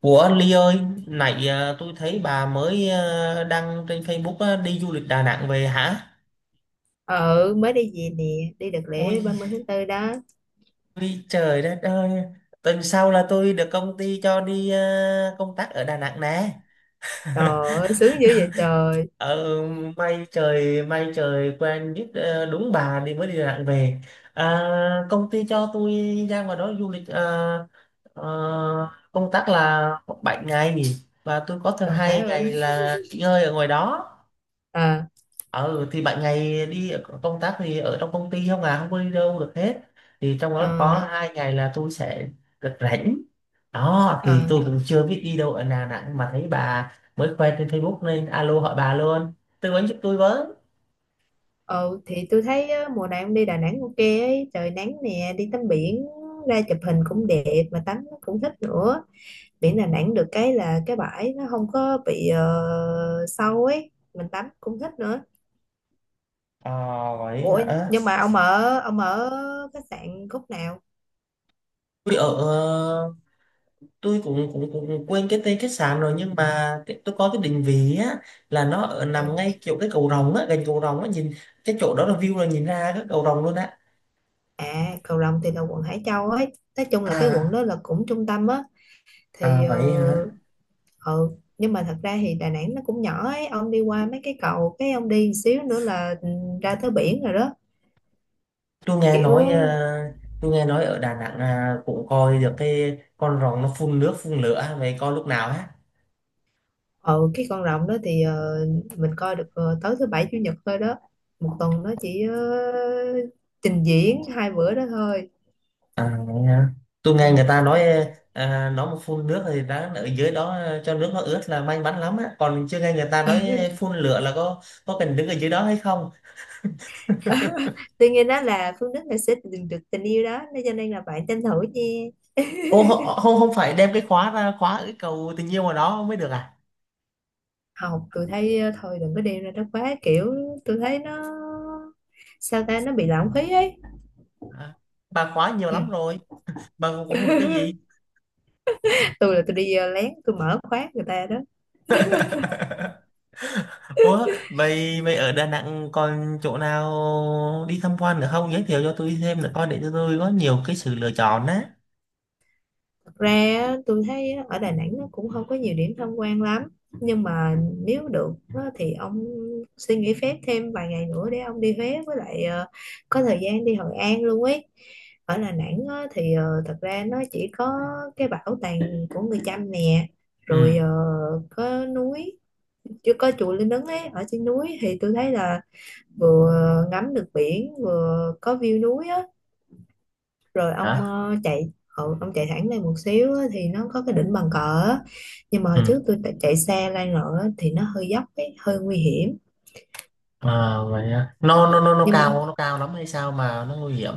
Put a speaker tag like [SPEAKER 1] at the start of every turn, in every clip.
[SPEAKER 1] Ủa Ly ơi, nãy à, tôi thấy bà mới à, đăng trên Facebook á, đi du lịch Đà Nẵng về hả?
[SPEAKER 2] Ừ, mới đi về nè. Đi đợt
[SPEAKER 1] Ôi,
[SPEAKER 2] lễ 30 tháng 4 đó.
[SPEAKER 1] ôi trời đất ơi, tuần sau là tôi được công ty cho đi à, công tác ở Đà Nẵng nè.
[SPEAKER 2] Trời ơi sướng dữ vậy trời.
[SPEAKER 1] Ờ, may trời quen biết à, đúng bà đi mới đi Đà Nẵng về. À, công ty cho tôi ra ngoài đó du lịch à, công tác là 7 ngày và tôi có thứ
[SPEAKER 2] Trời má
[SPEAKER 1] 2 ngày
[SPEAKER 2] ơi.
[SPEAKER 1] là nghỉ ngơi ở ngoài đó.
[SPEAKER 2] À.
[SPEAKER 1] Ờ thì bạn ngày đi công tác thì ở trong công ty không, à không có đi đâu được hết, thì trong đó
[SPEAKER 2] Ờ.
[SPEAKER 1] có 2 ngày là tôi sẽ được rảnh đó. Thì
[SPEAKER 2] Ờ.
[SPEAKER 1] tôi cũng chưa biết đi đâu ở Đà Nẵng mà thấy bà mới khoe trên Facebook nên alo hỏi bà luôn, tư vấn giúp tôi với.
[SPEAKER 2] Ờ. Thì tôi thấy á, mùa này ông đi Đà Nẵng ok ấy, trời nắng nè, đi tắm biển, ra chụp hình cũng đẹp mà tắm cũng thích nữa. Biển Đà Nẵng được cái là cái bãi nó không có bị sâu ấy, mình tắm cũng thích nữa.
[SPEAKER 1] Ờ vậy
[SPEAKER 2] Ủa,
[SPEAKER 1] hả.
[SPEAKER 2] nhưng mà ông ở khách sạn khúc nào?
[SPEAKER 1] Tôi ở ờ, tôi cũng cũng cũng quên cái tên khách sạn rồi, nhưng mà tôi có cái định vị á, là nó ở nằm
[SPEAKER 2] Ừ.
[SPEAKER 1] ngay chỗ cái cầu rồng á, gần cầu rồng á, nhìn cái chỗ đó là view là nhìn ra cái cầu rồng luôn á.
[SPEAKER 2] À, Cầu Rồng thì là quận Hải Châu ấy, nói chung là cái quận
[SPEAKER 1] à
[SPEAKER 2] đó là cũng trung tâm á. Thì
[SPEAKER 1] à
[SPEAKER 2] ờ.
[SPEAKER 1] vậy hả.
[SPEAKER 2] Ừ. Nhưng mà thật ra thì Đà Nẵng nó cũng nhỏ ấy, ông đi qua mấy cái cầu cái ông đi xíu nữa là ra tới biển rồi đó.
[SPEAKER 1] tôi nghe
[SPEAKER 2] Kiểu.
[SPEAKER 1] nói ờ, tôi nghe nói ở Đà Nẵng à, cũng coi được cái con rồng nó phun nước phun lửa vậy coi lúc nào á.
[SPEAKER 2] Ừ, cái con rồng đó thì mình coi được tới thứ bảy chủ nhật thôi đó. Một tuần nó chỉ trình diễn hai bữa đó thôi.
[SPEAKER 1] À, vậy hả? Tôi
[SPEAKER 2] Ừ.
[SPEAKER 1] nghe người ta nói ờ, nó mà phun nước thì đáng ở dưới đó ờ, cho nước nó ướt là may mắn lắm á, còn chưa nghe người ta nói phun lửa là có cần đứng ở dưới đó hay không.
[SPEAKER 2] Tuy nhiên đó là Phương Đức là sẽ tìm được tình yêu đó nên cho nên là bạn tranh thủ nha.
[SPEAKER 1] Ô không không không, phải đem cái khóa ra khóa cái cầu tình yêu mà đó mới được à.
[SPEAKER 2] Học tôi thấy thôi đừng có đi ra đó quá kiểu, tôi thấy nó sao ta nó bị lãng phí ấy.
[SPEAKER 1] À, bà khóa nhiều
[SPEAKER 2] Ừ.
[SPEAKER 1] lắm rồi, bà cũng không được cái gì.
[SPEAKER 2] Tôi là tôi đi lén tôi mở khóa người ta đó.
[SPEAKER 1] Ủa, vậy vậy ở Đà Nẵng còn chỗ nào đi tham quan nữa không? Giới thiệu cho tôi thêm nữa coi để cho tôi có nhiều cái sự lựa chọn á.
[SPEAKER 2] Thật ra á, tôi thấy á, ở Đà Nẵng nó cũng không có nhiều điểm tham quan lắm. Nhưng mà nếu được á, thì ông xin nghỉ phép thêm vài ngày nữa để ông đi Huế với lại có thời gian đi Hội An luôn ấy. Ở Đà Nẵng á, thì thật ra nó chỉ có cái bảo tàng của người Chăm nè,
[SPEAKER 1] Ừ.
[SPEAKER 2] rồi có núi, chưa có chùa Linh Ứng ấy ở trên núi thì tôi thấy là vừa ngắm được biển vừa có view núi á. Rồi ông
[SPEAKER 1] Hả?
[SPEAKER 2] chạy. Ừ, ông chạy thẳng lên một xíu á, thì nó có cái đỉnh bàn cờ á. Nhưng mà hồi
[SPEAKER 1] Ừ.
[SPEAKER 2] trước tôi chạy xe lên rồi á, thì nó hơi dốc ấy, hơi nguy hiểm.
[SPEAKER 1] À, vậy á. nó nó
[SPEAKER 2] Ừ,
[SPEAKER 1] nó nó
[SPEAKER 2] nhưng mà
[SPEAKER 1] cao nó cao lắm hay sao mà nó nguy hiểm,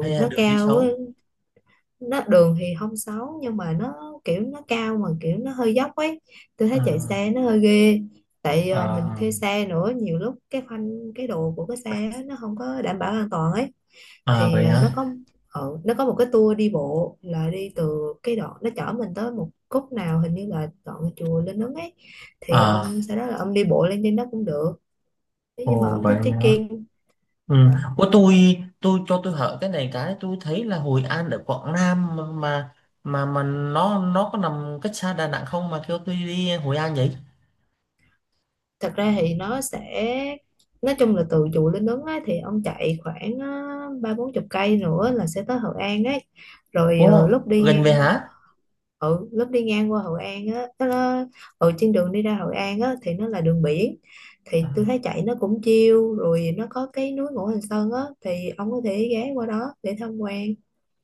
[SPEAKER 1] hay là
[SPEAKER 2] nó
[SPEAKER 1] đường đi
[SPEAKER 2] cao á,
[SPEAKER 1] xấu?
[SPEAKER 2] nó đường thì không xấu nhưng mà nó kiểu nó cao mà kiểu nó hơi dốc ấy. Tôi thấy chạy
[SPEAKER 1] À,
[SPEAKER 2] xe nó hơi ghê. Tại mình
[SPEAKER 1] à,
[SPEAKER 2] thuê xe nữa, nhiều lúc cái phanh cái đồ của cái xe á, nó không có đảm bảo an toàn ấy.
[SPEAKER 1] à
[SPEAKER 2] Thì
[SPEAKER 1] vậy hả.
[SPEAKER 2] nó có một cái tour đi bộ là đi từ cái đoạn nó chở mình tới một khúc nào hình như là đoạn chùa Linh Ứng ấy. Thì
[SPEAKER 1] À,
[SPEAKER 2] ông sau đó là ông đi bộ lên trên đó cũng được nếu như mà
[SPEAKER 1] ồ
[SPEAKER 2] ông
[SPEAKER 1] vậy
[SPEAKER 2] thích
[SPEAKER 1] hả.
[SPEAKER 2] trekking.
[SPEAKER 1] Ừ.
[SPEAKER 2] ờ,
[SPEAKER 1] Ủa tôi cho tôi hỏi cái này, cái tôi thấy là Hội An ở Quảng Nam mà, mà nó có nằm cách xa Đà Nẵng không mà kêu tôi đi Hội An vậy?
[SPEAKER 2] Thật ra thì nó sẽ nói chung là từ chùa Linh Ứng á, thì ông chạy khoảng ba bốn chục cây nữa là sẽ tới Hội An ấy. Rồi
[SPEAKER 1] Ủa,
[SPEAKER 2] lúc đi
[SPEAKER 1] gần về hả?
[SPEAKER 2] ừ, lúc đi ngang qua Hội An á, nó ở trên đường đi ra Hội An á thì nó là đường biển. Thì
[SPEAKER 1] À,
[SPEAKER 2] tôi thấy chạy nó cũng chill, rồi nó có cái núi Ngũ Hành Sơn á thì ông có thể ghé qua đó để tham quan.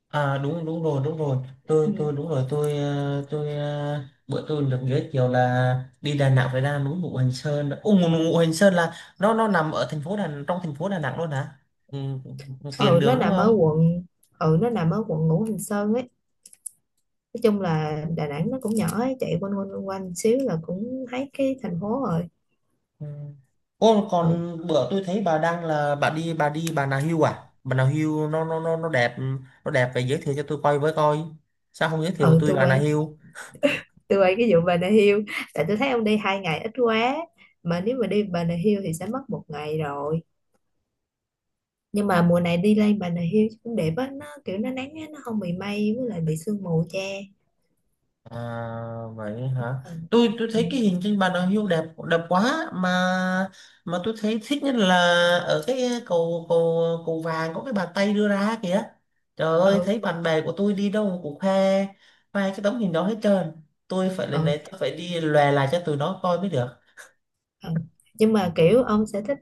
[SPEAKER 1] à, đúng đúng rồi đúng rồi.
[SPEAKER 2] Ừ.
[SPEAKER 1] Tôi đúng rồi, bữa tôi được giới thiệu là đi Đà Nẵng phải ra núi Ngũ Hành Sơn. Ồ, Ngũ Ngũ Hành Sơn là nó nằm ở thành phố Đà trong thành phố Đà Nẵng luôn hả? Ừ, ừ, tiền
[SPEAKER 2] ừ nó
[SPEAKER 1] đường đúng
[SPEAKER 2] nằm ở
[SPEAKER 1] không?
[SPEAKER 2] quận ừ nó nằm ở quận Ngũ Hành Sơn ấy. Nói chung là Đà Nẵng nó cũng nhỏ ấy, chạy quanh quanh quanh quanh xíu là cũng thấy cái thành phố rồi.
[SPEAKER 1] Ừ. Ô
[SPEAKER 2] Ừ.
[SPEAKER 1] còn bữa tôi thấy bà đang là bà đi bà Nà Hills à? Bà Nà Hills nó đẹp phải giới thiệu cho tôi coi với coi. Sao không giới thiệu
[SPEAKER 2] Ừ,
[SPEAKER 1] tôi
[SPEAKER 2] tôi
[SPEAKER 1] Bà Nà
[SPEAKER 2] quay
[SPEAKER 1] Hills?
[SPEAKER 2] tôi quay cái vụ Bà Nà Hills, tại tôi thấy ông đi 2 ngày ít quá, mà nếu mà đi Bà Nà Hills thì sẽ mất một ngày rồi. Nhưng mà mùa này đi lên Bà Nà Hills cũng đẹp á, nó kiểu nó nắng á nó không bị mây với lại bị sương mù che.
[SPEAKER 1] À, vậy hả?
[SPEAKER 2] Ừ.
[SPEAKER 1] Tôi
[SPEAKER 2] Ừ.
[SPEAKER 1] thấy cái hình trên bàn đằng hưu đẹp, đẹp quá mà tôi thấy thích nhất là ở cái cầu cầu cầu vàng có cái bàn tay đưa ra kìa. Trời ơi,
[SPEAKER 2] Ừ.
[SPEAKER 1] thấy bạn bè của tôi đi đâu cũng khoe, khoe cái tấm hình đó hết trơn. Tôi phải lên
[SPEAKER 2] Ừ.
[SPEAKER 1] đấy, tôi phải đi lòe lại cho tụi nó coi mới được.
[SPEAKER 2] Ừ. Nhưng mà kiểu ông sẽ thích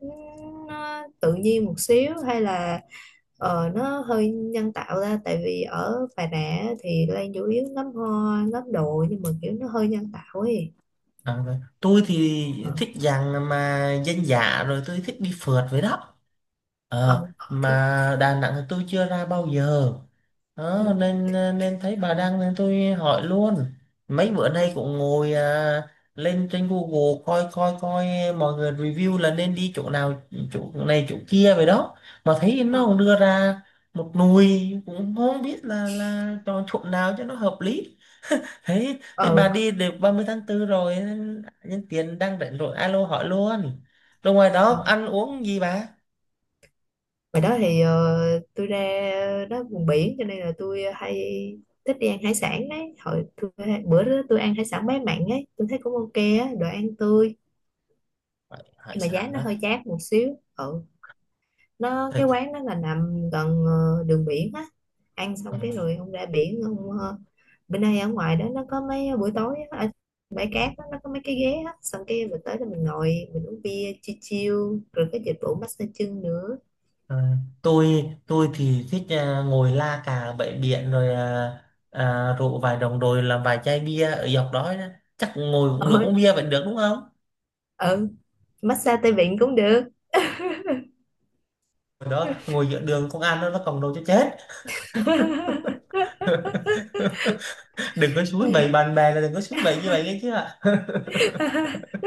[SPEAKER 2] nó tự nhiên một xíu hay là nó hơi nhân tạo ra, tại vì ở Bà Nà á thì Lan chủ yếu ngắm hoa ngắm đồ nhưng mà kiểu nó hơi nhân tạo ấy.
[SPEAKER 1] À, rồi. Tôi thì
[SPEAKER 2] Ờ.
[SPEAKER 1] thích dạng mà dân dã, rồi tôi thích đi phượt với đó. Ờ,
[SPEAKER 2] Ờ.
[SPEAKER 1] mà Đà Nẵng thì tôi chưa ra bao giờ.
[SPEAKER 2] Ừ.
[SPEAKER 1] Đó, nên thấy bà đăng nên tôi hỏi luôn, mấy bữa nay cũng ngồi à, lên trên Google coi coi coi mọi người review là nên đi chỗ nào, chỗ này chỗ kia vậy đó, mà thấy nó cũng đưa ra một nùi cũng không biết là chọn chỗ nào cho nó hợp lý. Thấy thấy
[SPEAKER 2] Ờ.
[SPEAKER 1] bà đi được 30/4 rồi nên nhân tiện đang rảnh rồi alo hỏi luôn. Rồi ngoài
[SPEAKER 2] Ờ,
[SPEAKER 1] đó ăn uống gì bà?
[SPEAKER 2] ngoài đó thì tôi ra đó vùng biển cho nên là tôi hay thích đi ăn hải sản đấy. Bữa đó tôi ăn hải sản bé mặn ấy, tôi thấy cũng ok á, đồ ăn tươi
[SPEAKER 1] Hải hải
[SPEAKER 2] nhưng mà giá
[SPEAKER 1] sản
[SPEAKER 2] nó
[SPEAKER 1] đó.
[SPEAKER 2] hơi chát một xíu. Ừ, nó cái quán đó là nằm gần đường biển á. Ăn
[SPEAKER 1] Ừ.
[SPEAKER 2] xong cái rồi ông ra biển ông bên đây ở ngoài đó nó có mấy buổi tối á, ở bãi cát đó, nó có mấy cái ghế á, xong cái mình tới là mình ngồi mình uống bia chill chill rồi có dịch vụ massage chân nữa.
[SPEAKER 1] Ờ, tôi thì thích à, ngồi la cà bãi biển rồi à, à, rượu vài đồng rồi làm vài chai bia ở dọc đó đó. Chắc ngồi cũng được,
[SPEAKER 2] Ờ.
[SPEAKER 1] uống bia vẫn được đúng không?
[SPEAKER 2] Ừ, massage tay vịn cũng được.
[SPEAKER 1] Ở đó ngồi giữa đường công an nó còng đầu cho chết. Đừng có
[SPEAKER 2] Ừ.
[SPEAKER 1] suối bày bạn bè, là đừng có suối bày như vậy nghe chứ ạ.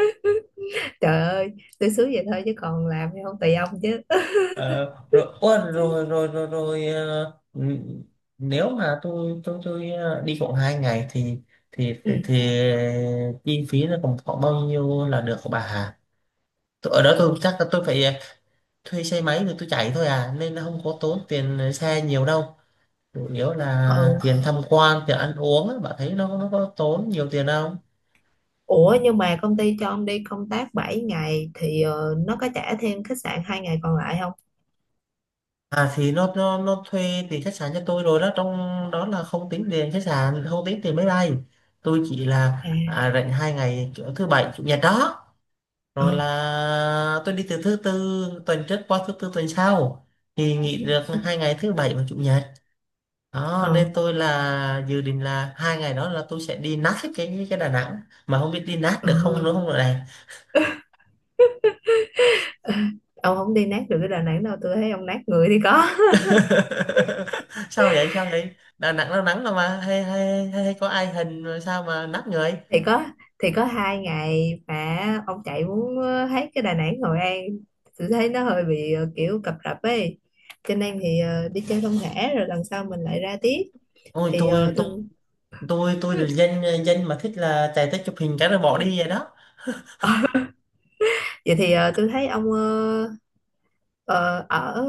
[SPEAKER 2] Trời ơi, tôi xúi vậy thôi chứ còn làm thì không, tùy ông chứ.
[SPEAKER 1] Ờ, rồi, ủa, rồi rồi rồi rồi ờ, ừ, nếu mà đi khoảng 2 ngày thì thì thì,
[SPEAKER 2] Ừ.
[SPEAKER 1] thì chi phí nó còn khoảng bao nhiêu là được của bà Hà? Tôi- ở đó tôi chắc là tôi phải ờ, thuê xe máy thì tôi chạy thôi à, nên nó không có tốn tiền xe nhiều đâu, chủ yếu là
[SPEAKER 2] Ừ,
[SPEAKER 1] tiền tham quan tiền ăn uống á, bạn thấy nó có tốn nhiều tiền không.
[SPEAKER 2] ủa nhưng mà công ty cho ông đi công tác 7 ngày thì nó có trả thêm khách sạn 2 ngày còn lại không?
[SPEAKER 1] À thì nó thuê tiền khách sạn cho tôi rồi đó, trong đó là không tính tiền khách sạn, không tính tiền máy bay. Tôi chỉ là
[SPEAKER 2] À.
[SPEAKER 1] à, rảnh 2 ngày kiểu thứ bảy chủ nhật đó,
[SPEAKER 2] Ờ.
[SPEAKER 1] rồi là tôi đi từ thứ tư tuần trước qua thứ tư tuần sau, thì nghỉ được 2 ngày thứ bảy và chủ nhật đó,
[SPEAKER 2] Ờ.
[SPEAKER 1] nên tôi là dự định là 2 ngày đó là tôi sẽ đi nát hết cái Đà Nẵng mà không biết đi nát được không
[SPEAKER 2] Ừ.
[SPEAKER 1] nữa không rồi này.
[SPEAKER 2] Ông không đi nát được cái Đà Nẵng đâu, tôi thấy ông nát người thì có.
[SPEAKER 1] Sao vậy sao vậy, Đà Nẵng nó nắng rồi mà hay có ai hình rồi sao mà nát người.
[SPEAKER 2] Thì có. Thì có 2 ngày mà ông chạy muốn hết cái Đà Nẵng Hội An, tôi thấy nó hơi bị kiểu cập rập ấy. Cho nên thì đi chơi không thể rồi lần sau mình lại ra tiếp.
[SPEAKER 1] Ôi
[SPEAKER 2] Thì
[SPEAKER 1] tôi
[SPEAKER 2] tôi.
[SPEAKER 1] tôi tôi tôi là dân dân mà thích là chạy tới chụp hình cái rồi bỏ đi vậy đó.
[SPEAKER 2] Vậy thì tôi thấy ông ờ, ở.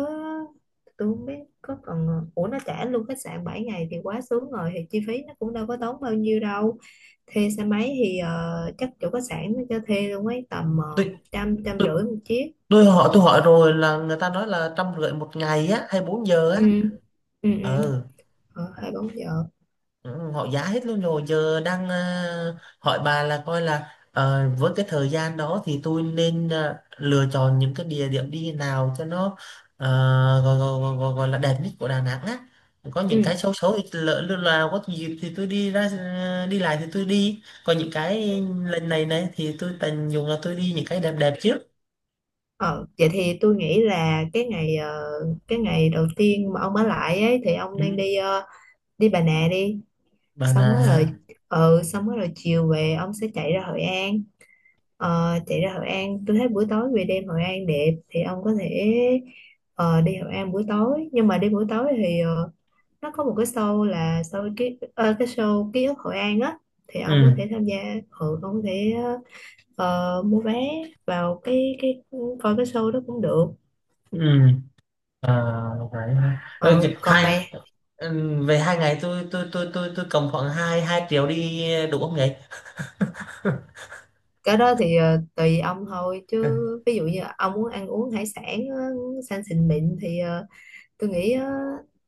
[SPEAKER 2] Tôi không biết có còn ủa nó trả luôn khách sạn 7 ngày thì quá sướng rồi, thì chi phí nó cũng đâu có tốn bao nhiêu đâu. Thuê xe máy thì chắc chỗ khách sạn nó cho thuê luôn ấy, tầm
[SPEAKER 1] tôi
[SPEAKER 2] một trăm trăm
[SPEAKER 1] tôi
[SPEAKER 2] rưỡi một chiếc.
[SPEAKER 1] tôi hỏi tôi hỏi rồi là người ta nói là 150 một ngày á hay 4 giờ
[SPEAKER 2] Ừ.
[SPEAKER 1] á.
[SPEAKER 2] Ừ. Ừ.
[SPEAKER 1] Ừ.
[SPEAKER 2] Ờ, 24 giờ.
[SPEAKER 1] Ừ, họ giá hết luôn rồi, giờ đang ờ, hỏi bà là coi là ờ, với cái thời gian đó thì tôi nên ờ, lựa chọn những cái địa điểm đi nào cho nó ờ, gọi là đẹp nhất của Đà Nẵng á, có những
[SPEAKER 2] Ừ.
[SPEAKER 1] cái xấu xấu thì lỡ lúc nào có dịp thì tôi đi ra ờ, đi lại thì tôi đi, còn những cái lần này này thì tôi tận dụng là tôi đi những cái đẹp đẹp trước.
[SPEAKER 2] Ờ, vậy thì tôi nghĩ là cái ngày cái ngày đầu tiên mà ông ở lại ấy thì ông
[SPEAKER 1] Ừ.
[SPEAKER 2] nên đi đi Bà Nà đi.
[SPEAKER 1] Bà
[SPEAKER 2] Xong rồi rồi.
[SPEAKER 1] là.
[SPEAKER 2] Ừ, xong rồi rồi chiều về ông sẽ chạy ra Hội An. Ờ, chạy ra Hội An tôi thấy buổi tối về đêm Hội An đẹp thì ông có thể đi Hội An buổi tối. Nhưng mà đi buổi tối thì nó có một cái show là show cái show ký ức Hội An á, thì ông có
[SPEAKER 1] Ừ
[SPEAKER 2] thể tham gia. Ừ, ông có thể mua vé vào cái coi cái show đó cũng được.
[SPEAKER 1] ừ. À, vậy ha. Ừ,
[SPEAKER 2] Ờ, Còn
[SPEAKER 1] hai.
[SPEAKER 2] ngày
[SPEAKER 1] Ừ, về 2 ngày tôi cầm khoảng hai hai triệu đi đủ không vậy?
[SPEAKER 2] cái đó thì tùy ông thôi chứ. Ví dụ như ông muốn ăn uống hải sản sang xịn mịn thì tôi nghĩ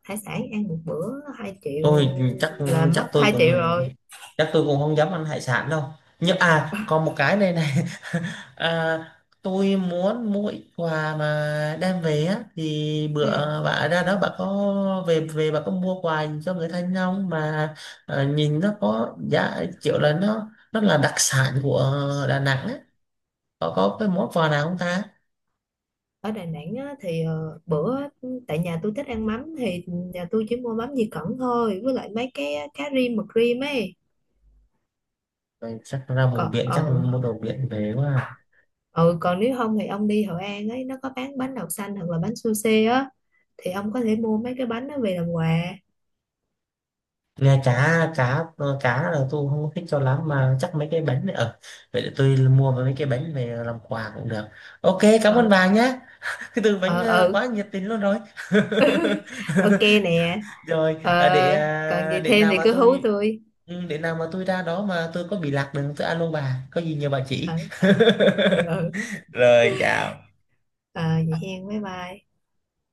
[SPEAKER 2] hải sản ăn một bữa hai
[SPEAKER 1] tôi
[SPEAKER 2] triệu
[SPEAKER 1] chắc
[SPEAKER 2] là
[SPEAKER 1] chắc
[SPEAKER 2] mất
[SPEAKER 1] tôi
[SPEAKER 2] 2 triệu
[SPEAKER 1] cũng
[SPEAKER 2] rồi.
[SPEAKER 1] chắc tôi cũng không dám ăn hải sản đâu, nhưng à còn một cái này này. À, tôi muốn mua ít quà mà đem về á, thì
[SPEAKER 2] Ừ.
[SPEAKER 1] bữa bà ra đó bà có về về bà có mua quà cho người thân không mà, à, nhìn nó có giá kiểu là nó là đặc sản của Đà Nẵng á, có cái món quà nào không ta.
[SPEAKER 2] Ở Đà Nẵng á, thì bữa tại nhà tôi thích ăn mắm thì nhà tôi chỉ mua mắm Di Cẩn thôi, với lại mấy cái cá rim mực rim ấy.
[SPEAKER 1] Đây, chắc ra vùng
[SPEAKER 2] Còn
[SPEAKER 1] biển chắc
[SPEAKER 2] ờ.
[SPEAKER 1] mua đồ biển về quá à.
[SPEAKER 2] Ừ, còn nếu không thì ông đi Hội An ấy nó có bán bánh đậu xanh hoặc là bánh sushi á, thì ông có thể mua mấy cái bánh đó về làm quà.
[SPEAKER 1] Nghe cá cá ờ, cá là tôi không thích cho lắm, mà chắc mấy cái bánh này ở, vậy để tôi mua mấy cái bánh về làm quà cũng được. Ok cảm ơn
[SPEAKER 2] Ừ.
[SPEAKER 1] bà nhé, cái từ
[SPEAKER 2] Ừ.
[SPEAKER 1] bánh ờ,
[SPEAKER 2] Ừ.
[SPEAKER 1] quá nhiệt tình luôn rồi.
[SPEAKER 2] Ok nè.
[SPEAKER 1] rồi
[SPEAKER 2] Ờ,
[SPEAKER 1] à, để
[SPEAKER 2] còn
[SPEAKER 1] à,
[SPEAKER 2] gì
[SPEAKER 1] để
[SPEAKER 2] thêm
[SPEAKER 1] nào
[SPEAKER 2] thì
[SPEAKER 1] mà
[SPEAKER 2] cứ hú
[SPEAKER 1] tôi,
[SPEAKER 2] tôi.
[SPEAKER 1] ừ, để nào mà tôi ra đó mà tôi có bị lạc đường tôi alo bà có gì nhờ bà chỉ.
[SPEAKER 2] Ừ. Ừ. Ừ.
[SPEAKER 1] Rồi chào.
[SPEAKER 2] Ờ, vậy hen, bye bye.